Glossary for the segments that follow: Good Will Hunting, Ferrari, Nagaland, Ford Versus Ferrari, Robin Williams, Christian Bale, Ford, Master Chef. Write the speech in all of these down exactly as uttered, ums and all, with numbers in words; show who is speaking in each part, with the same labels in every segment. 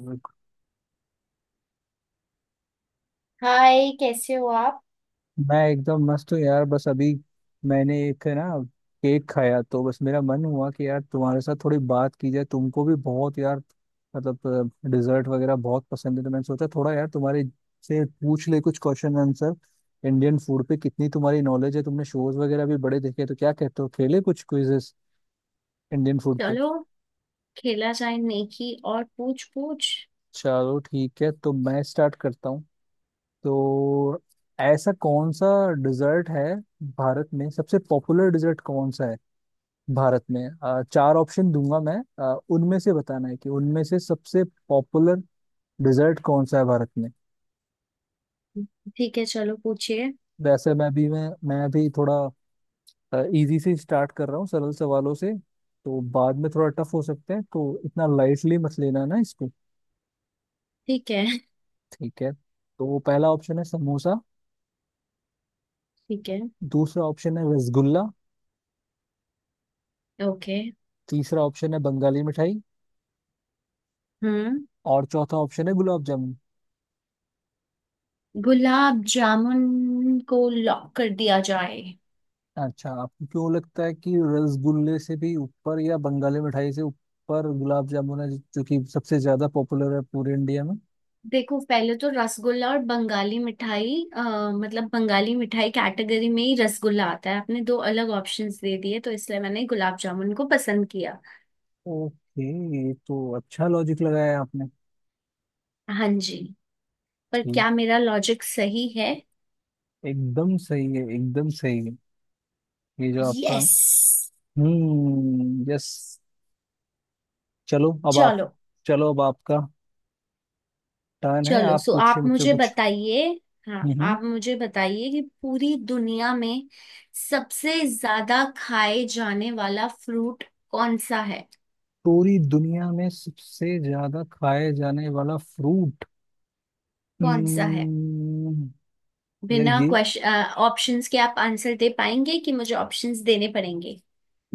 Speaker 1: मैं
Speaker 2: हाय, कैसे हो आप।
Speaker 1: एकदम मस्त हूँ यार। बस अभी मैंने एक है ना केक खाया तो बस मेरा मन हुआ कि यार तुम्हारे साथ थोड़ी बात की जाए। तुमको भी बहुत यार मतलब डिजर्ट वगैरह बहुत पसंद है, तो मैंने सोचा थोड़ा यार तुम्हारे से पूछ ले कुछ क्वेश्चन आंसर। इंडियन फूड पे कितनी तुम्हारी नॉलेज है, तुमने शोज वगैरह भी बड़े देखे, तो क्या कहते हो, खेले कुछ क्विजेस इंडियन फूड पे?
Speaker 2: खेला जाए, नेकी और पूछ पूछ।
Speaker 1: चलो ठीक है, तो मैं स्टार्ट करता हूँ। तो ऐसा कौन सा डिजर्ट है, भारत में सबसे पॉपुलर डिजर्ट कौन सा है भारत में? अ, चार ऑप्शन दूंगा मैं, अ, उनमें से बताना है कि उनमें से सबसे पॉपुलर डिजर्ट कौन सा है भारत में।
Speaker 2: ठीक है।
Speaker 1: वैसे मैं भी मैं मैं अभी थोड़ा इजी से स्टार्ट कर रहा हूँ, सरल सवालों से। तो बाद में थोड़ा टफ हो सकते हैं, तो इतना लाइटली मत लेना ना इसको।
Speaker 2: ठीक है।
Speaker 1: ठीक है, तो पहला ऑप्शन है समोसा।
Speaker 2: ठीक है।
Speaker 1: दूसरा ऑप्शन है रसगुल्ला।
Speaker 2: ओके।
Speaker 1: तीसरा ऑप्शन है बंगाली मिठाई।
Speaker 2: हम्म।
Speaker 1: और चौथा ऑप्शन है गुलाब जामुन।
Speaker 2: गुलाब जामुन को लॉक कर दिया जाए।
Speaker 1: अच्छा, आपको क्यों लगता है कि रसगुल्ले से भी ऊपर या बंगाली मिठाई से ऊपर गुलाब जामुन है, जो कि सबसे ज्यादा पॉपुलर है पूरे इंडिया में?
Speaker 2: देखो, पहले तो रसगुल्ला और बंगाली मिठाई अ, मतलब बंगाली मिठाई कैटेगरी में ही रसगुल्ला आता है। आपने दो अलग ऑप्शंस दे दिए, तो इसलिए मैंने गुलाब जामुन को पसंद किया।
Speaker 1: ओके। ये तो अच्छा लॉजिक लगाया आपने।
Speaker 2: हाँ जी, पर
Speaker 1: ठीक,
Speaker 2: क्या मेरा लॉजिक सही है।
Speaker 1: एकदम सही है, एकदम सही है। ये जो आपका।
Speaker 2: यस।
Speaker 1: Hmm, yes. चलो अब आप।
Speaker 2: चलो।
Speaker 1: चलो, अब आपका टर्न है,
Speaker 2: चलो,
Speaker 1: आप
Speaker 2: सो
Speaker 1: पूछिए
Speaker 2: आप
Speaker 1: मुझसे
Speaker 2: मुझे
Speaker 1: कुछ।
Speaker 2: बताइए। हाँ,
Speaker 1: हम्म।
Speaker 2: आप मुझे बताइए कि पूरी दुनिया में सबसे ज्यादा खाए जाने वाला फ्रूट कौन सा है।
Speaker 1: पूरी दुनिया में सबसे ज्यादा खाए जाने वाला फ्रूट।
Speaker 2: कौन सा है।
Speaker 1: हम्म। यार
Speaker 2: बिना
Speaker 1: ये,
Speaker 2: क्वेश्चन ऑप्शंस के आप आंसर दे पाएंगे कि मुझे ऑप्शंस देने पड़ेंगे।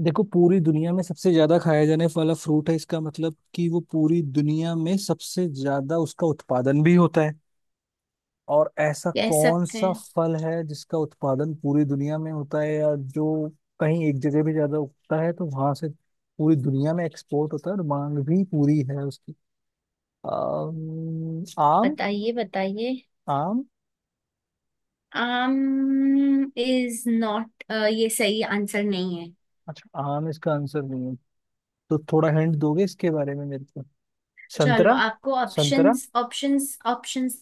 Speaker 1: देखो पूरी दुनिया में सबसे ज्यादा खाया जाने वाला फ्रूट है, इसका मतलब कि वो पूरी दुनिया में सबसे ज्यादा उसका उत्पादन भी होता है। और ऐसा
Speaker 2: कह
Speaker 1: कौन
Speaker 2: सकते
Speaker 1: सा
Speaker 2: हैं।
Speaker 1: फल है जिसका उत्पादन पूरी दुनिया में होता है, या जो कहीं एक जगह भी ज्यादा उगता है तो वहां से पूरी दुनिया में एक्सपोर्ट होता है और मांग भी पूरी है उसकी। अम, आम।
Speaker 2: बताइए, बताइए।
Speaker 1: आम।
Speaker 2: आम इज नॉट, ये सही आंसर नहीं है।
Speaker 1: अच्छा, आम इसका आंसर नहीं है? तो थोड़ा हिंट दोगे इसके बारे में मेरे को?
Speaker 2: चलो,
Speaker 1: संतरा।
Speaker 2: आपको
Speaker 1: संतरा।
Speaker 2: ऑप्शंस ऑप्शंस ऑप्शंस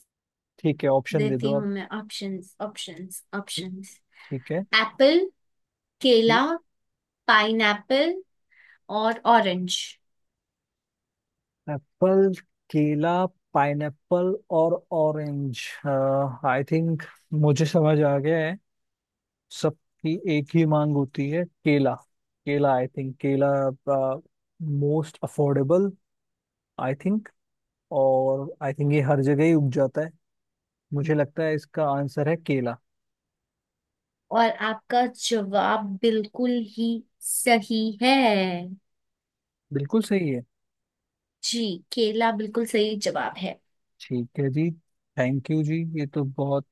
Speaker 1: ठीक है, ऑप्शन दे
Speaker 2: देती
Speaker 1: दो
Speaker 2: हूँ
Speaker 1: आप।
Speaker 2: मैं, ऑप्शंस ऑप्शंस
Speaker 1: ठीक,
Speaker 2: ऑप्शंस।
Speaker 1: ठीक है,
Speaker 2: एप्पल,
Speaker 1: ठीक।
Speaker 2: केला, पाइनएप्पल और ऑरेंज।
Speaker 1: एप्पल, केला, पाइनएप्पल और ऑरेंज। आई थिंक मुझे समझ आ गया है, सबकी एक ही मांग होती है, केला। केला, आई थिंक केला, मोस्ट अफोर्डेबल आई थिंक। और आई थिंक ये हर जगह ही उग जाता है। मुझे लगता है इसका आंसर है केला।
Speaker 2: और आपका जवाब बिल्कुल ही सही है
Speaker 1: बिल्कुल सही है।
Speaker 2: जी। केला बिल्कुल सही जवाब है।
Speaker 1: ठीक है जी, थैंक यू जी। ये तो बहुत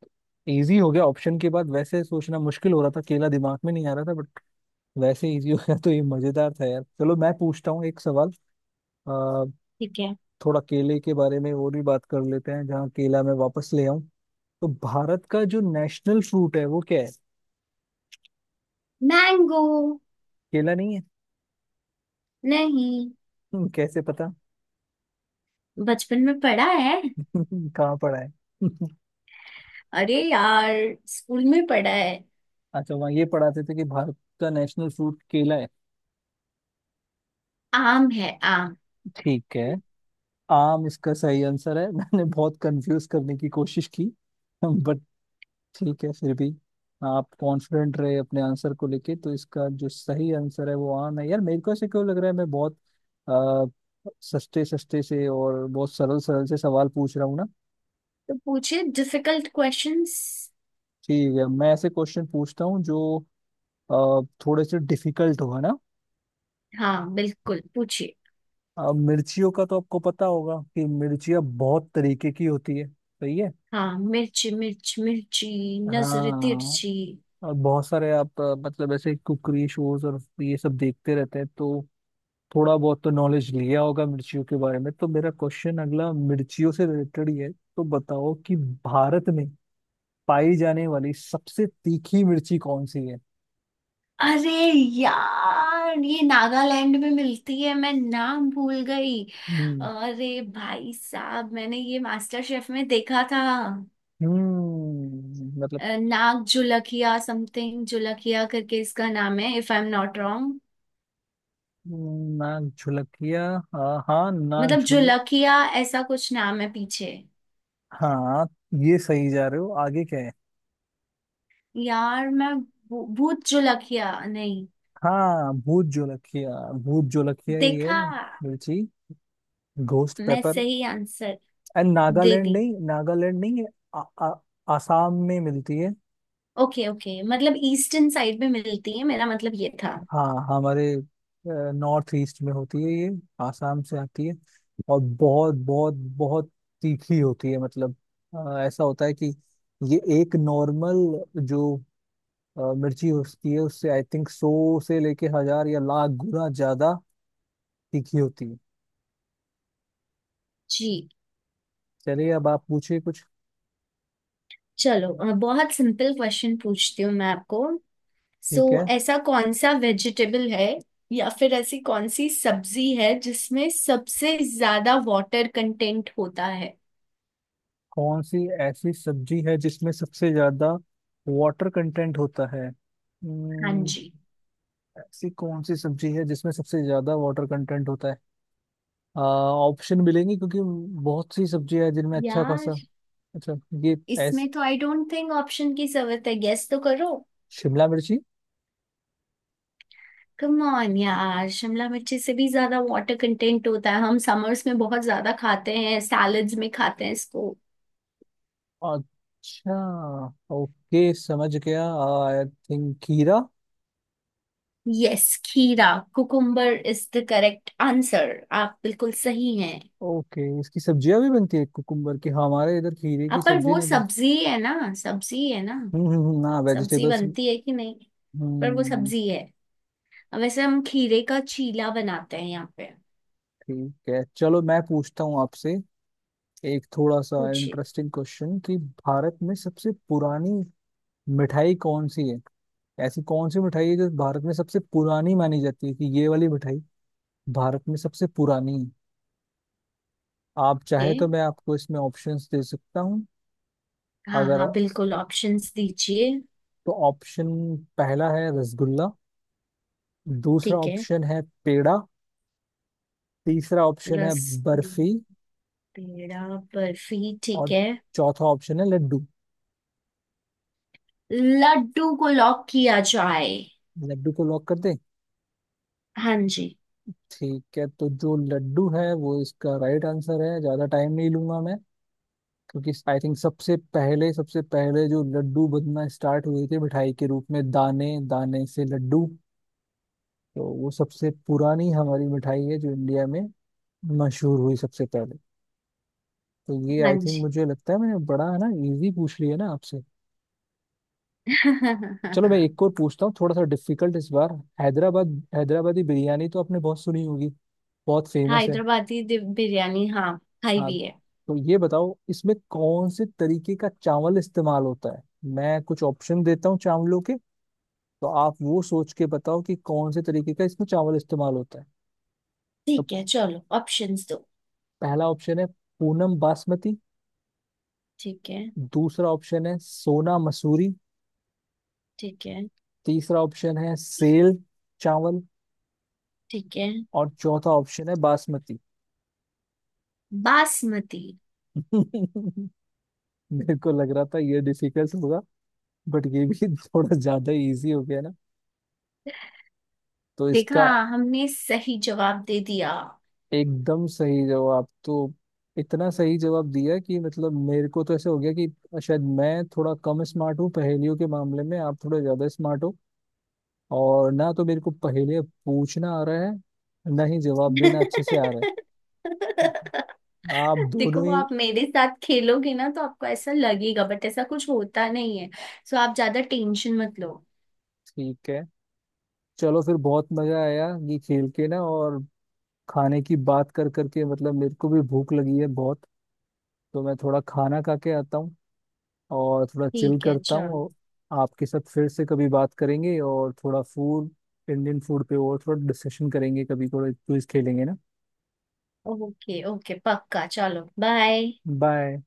Speaker 1: इजी हो गया ऑप्शन के बाद। वैसे सोचना मुश्किल हो रहा था, केला दिमाग में नहीं आ रहा था, बट वैसे इजी होगा तो ये मजेदार था यार। चलो मैं पूछता हूँ एक सवाल। आ,
Speaker 2: ठीक है।
Speaker 1: थोड़ा केले के बारे में और भी बात कर लेते हैं, जहाँ केला मैं वापस ले आऊं। तो भारत का जो नेशनल फ्रूट है वो क्या है?
Speaker 2: मैंगो।
Speaker 1: केला नहीं है?
Speaker 2: नहीं।
Speaker 1: हम्म, कैसे पता?
Speaker 2: बचपन में पढ़ा है।
Speaker 1: कहाँ पढ़ा है?
Speaker 2: अरे यार, स्कूल में पढ़ा है।
Speaker 1: अच्छा, वहाँ ये पढ़ाते थे कि भारत का नेशनल फ्रूट केला है?
Speaker 2: आम है आम।
Speaker 1: ठीक है। आम इसका सही आंसर है। मैंने बहुत कंफ्यूज करने की कोशिश की, बट ठीक है फिर भी आप कॉन्फिडेंट रहे अपने आंसर को लेके। तो इसका जो सही आंसर है वो आम है। यार मेरे को ऐसे क्यों लग रहा है मैं बहुत आ, सस्ते सस्ते से और बहुत सरल सरल से सवाल पूछ रहा हूँ ना।
Speaker 2: तो पूछिए डिफिकल्ट क्वेश्चंस।
Speaker 1: ठीक है, मैं ऐसे क्वेश्चन पूछता हूँ जो अ, थोड़े से डिफिकल्ट हो, है ना।
Speaker 2: हाँ बिल्कुल पूछिए।
Speaker 1: अ, मिर्चियों का तो आपको पता होगा कि मिर्चियाँ बहुत तरीके की होती है, सही है।
Speaker 2: हाँ, मिर्ची मिर्च मिर्ची, नजर
Speaker 1: हाँ।
Speaker 2: तिरछी।
Speaker 1: और बहुत सारे आप अ, मतलब ऐसे कुकरी शोज और ये सब देखते रहते हैं, तो थोड़ा बहुत तो नॉलेज लिया होगा मिर्चियों के बारे में। तो मेरा क्वेश्चन अगला मिर्चियों से रिलेटेड ही है। तो बताओ कि भारत में पाई जाने वाली सबसे तीखी मिर्ची कौन सी है?
Speaker 2: अरे यार, ये नागालैंड में मिलती है, मैं नाम भूल गई।
Speaker 1: हम्म।
Speaker 2: अरे भाई साहब, मैंने ये मास्टर शेफ में देखा था।
Speaker 1: हम्म, मतलब।
Speaker 2: अ, नाग जुलकिया समथिंग, जुलकिया करके इसका नाम है, if I am not wrong.
Speaker 1: हम्म, नाक झुलकिया। हाँ हाँ, नाक
Speaker 2: मतलब
Speaker 1: झुल।
Speaker 2: जुलकिया, ऐसा कुछ नाम है पीछे।
Speaker 1: हाँ, ये सही जा रहे हो, आगे क्या है?
Speaker 2: यार मैं भू- भूत जुलकिया, नहीं
Speaker 1: हाँ, भूत जोलकिया। भूत जोलकिया ही है।
Speaker 2: देखा।
Speaker 1: मिर्ची, घोस्ट
Speaker 2: मैं
Speaker 1: पेपर।
Speaker 2: सही आंसर
Speaker 1: एंड
Speaker 2: दे
Speaker 1: नागालैंड
Speaker 2: दी।
Speaker 1: नहीं, नागालैंड नहीं है। आ, आ, आसाम में मिलती है।
Speaker 2: ओके ओके, मतलब ईस्टर्न साइड में मिलती है, मेरा मतलब ये था।
Speaker 1: हाँ, हमारे नॉर्थ ईस्ट में होती है ये, आसाम से आती है। और बहुत बहुत बहुत तीखी होती है। मतलब अ, ऐसा होता है कि ये एक नॉर्मल जो अ, मिर्ची होती है उससे आई थिंक सौ से लेके हजार या लाख गुना ज्यादा तीखी होती है।
Speaker 2: जी।
Speaker 1: चलिए अब आप पूछिए कुछ।
Speaker 2: चलो, अ, बहुत सिंपल क्वेश्चन पूछती हूँ मैं आपको। सो
Speaker 1: ठीक है।
Speaker 2: ऐसा कौन सा वेजिटेबल है, या फिर ऐसी कौन सी सब्जी है जिसमें सबसे ज्यादा वाटर कंटेंट होता है।
Speaker 1: कौन सी ऐसी सब्जी है जिसमें सबसे ज्यादा वाटर कंटेंट होता है?
Speaker 2: हाँ
Speaker 1: हम्म,
Speaker 2: जी।
Speaker 1: ऐसी कौन सी सब्जी है जिसमें सबसे ज्यादा वाटर कंटेंट होता है? ऑप्शन मिलेंगे, क्योंकि बहुत सी सब्जियां हैं जिनमें अच्छा
Speaker 2: यार,
Speaker 1: खासा। अच्छा। ये ऐस,
Speaker 2: इसमें तो आई डोंट थिंक ऑप्शन की जरूरत है, गेस तो करो।
Speaker 1: शिमला मिर्ची।
Speaker 2: कम ऑन यार, शिमला मिर्ची से भी ज्यादा वाटर कंटेंट होता है। हम समर्स में बहुत ज्यादा खाते हैं, सैलड्स में खाते हैं इसको।
Speaker 1: अच्छा, ओके समझ गया, आई थिंक खीरा।
Speaker 2: यस, खीरा। Cucumber is the correct answer, आप बिल्कुल सही हैं।
Speaker 1: ओके, इसकी सब्जियां भी बनती है कुकुम्बर की? हाँ, हमारे इधर खीरे
Speaker 2: अब
Speaker 1: की
Speaker 2: पर
Speaker 1: सब्जी
Speaker 2: वो
Speaker 1: नहीं बनती।
Speaker 2: सब्जी है ना, सब्जी है ना,
Speaker 1: हम्म हम्म हम्म, हाँ
Speaker 2: सब्जी
Speaker 1: वेजिटेबल्स।
Speaker 2: बनती है कि नहीं, पर वो
Speaker 1: हम्म।
Speaker 2: सब्जी है। अब वैसे हम खीरे का चीला बनाते हैं यहाँ पे।
Speaker 1: ठीक है, चलो मैं पूछता हूँ आपसे एक थोड़ा सा
Speaker 2: पूछिए।
Speaker 1: इंटरेस्टिंग क्वेश्चन कि भारत में सबसे पुरानी मिठाई कौन सी है? ऐसी कौन सी मिठाई है जो भारत में सबसे पुरानी मानी जाती है कि ये वाली मिठाई भारत में सबसे पुरानी है? आप चाहे तो
Speaker 2: ए?
Speaker 1: मैं आपको इसमें ऑप्शंस दे सकता हूँ
Speaker 2: हाँ
Speaker 1: अगर।
Speaker 2: हाँ, बिल्कुल ऑप्शंस दीजिए।
Speaker 1: तो ऑप्शन पहला है रसगुल्ला। दूसरा
Speaker 2: ठीक है।
Speaker 1: ऑप्शन है पेड़ा। तीसरा ऑप्शन है
Speaker 2: रसगुल्ला,
Speaker 1: बर्फी।
Speaker 2: पेड़ा, बर्फी, ठीक
Speaker 1: और
Speaker 2: है।
Speaker 1: चौथा ऑप्शन है लड्डू।
Speaker 2: लड्डू को लॉक किया जाए।
Speaker 1: लड्डू को लॉक कर दें?
Speaker 2: हाँ जी।
Speaker 1: ठीक है, तो जो लड्डू है वो इसका राइट आंसर है। ज्यादा टाइम नहीं लूंगा मैं, क्योंकि आई थिंक सबसे पहले, सबसे पहले जो लड्डू बनना स्टार्ट हुए थे मिठाई के रूप में, दाने दाने से लड्डू, तो वो सबसे पुरानी हमारी मिठाई है जो इंडिया में मशहूर हुई सबसे पहले। तो ये
Speaker 2: हाँ
Speaker 1: आई थिंक,
Speaker 2: जी।
Speaker 1: मुझे लगता है मैंने बड़ा है ना इजी पूछ लिया ना आपसे। चलो मैं एक और पूछता हूँ थोड़ा सा डिफिकल्ट इस बार। हैदराबाद, हैदराबादी बिरयानी तो आपने बहुत सुनी होगी, बहुत फेमस है।
Speaker 2: हैदराबादी दि- बिरयानी, हाँ, खाई
Speaker 1: हाँ।
Speaker 2: भी है।
Speaker 1: तो ये बताओ इसमें कौन से तरीके का चावल इस्तेमाल होता है? मैं कुछ ऑप्शन देता हूँ चावलों के, तो आप वो सोच के बताओ कि कौन से तरीके का इसमें चावल इस्तेमाल होता है। तो
Speaker 2: ठीक है, चलो ऑप्शंस दो।
Speaker 1: पहला ऑप्शन है पूनम बासमती।
Speaker 2: ठीक है।
Speaker 1: दूसरा ऑप्शन है सोना मसूरी।
Speaker 2: ठीक है।
Speaker 1: तीसरा ऑप्शन है सेल चावल।
Speaker 2: ठीक है।
Speaker 1: और चौथा ऑप्शन है बासमती।
Speaker 2: बासमती।
Speaker 1: मेरे को लग रहा था ये डिफिकल्ट होगा, बट ये भी थोड़ा ज्यादा इजी हो गया ना। तो
Speaker 2: देखा,
Speaker 1: इसका
Speaker 2: हमने सही जवाब दे दिया।
Speaker 1: एकदम सही जवाब। तो इतना सही जवाब दिया कि मतलब मेरे को तो ऐसे हो गया कि शायद मैं थोड़ा कम स्मार्ट हूँ पहेलियों के मामले में, आप थोड़े ज्यादा स्मार्ट हो। और ना तो मेरे को पहेलियाँ पूछना आ रहा है, ना ही जवाब देना अच्छे से आ रहा है आप
Speaker 2: देखो,
Speaker 1: दोनों
Speaker 2: वो
Speaker 1: ही।
Speaker 2: आप मेरे साथ खेलोगे ना तो आपको ऐसा लगेगा, बट ऐसा कुछ होता नहीं है। सो आप ज्यादा टेंशन मत लो।
Speaker 1: ठीक है, चलो फिर बहुत मजा आया ये खेल के ना। और खाने की बात कर करके मतलब मेरे को भी भूख लगी है बहुत। तो मैं थोड़ा खाना खा के आता हूँ और थोड़ा चिल
Speaker 2: ठीक है,
Speaker 1: करता हूँ।
Speaker 2: चलो।
Speaker 1: और आपके साथ फिर से कभी बात करेंगे और थोड़ा फूड, इंडियन फूड पे और थोड़ा डिस्कशन करेंगे, कभी थोड़ा क्विज खेलेंगे ना।
Speaker 2: ओके ओके, पक्का, चलो बाय।
Speaker 1: बाय।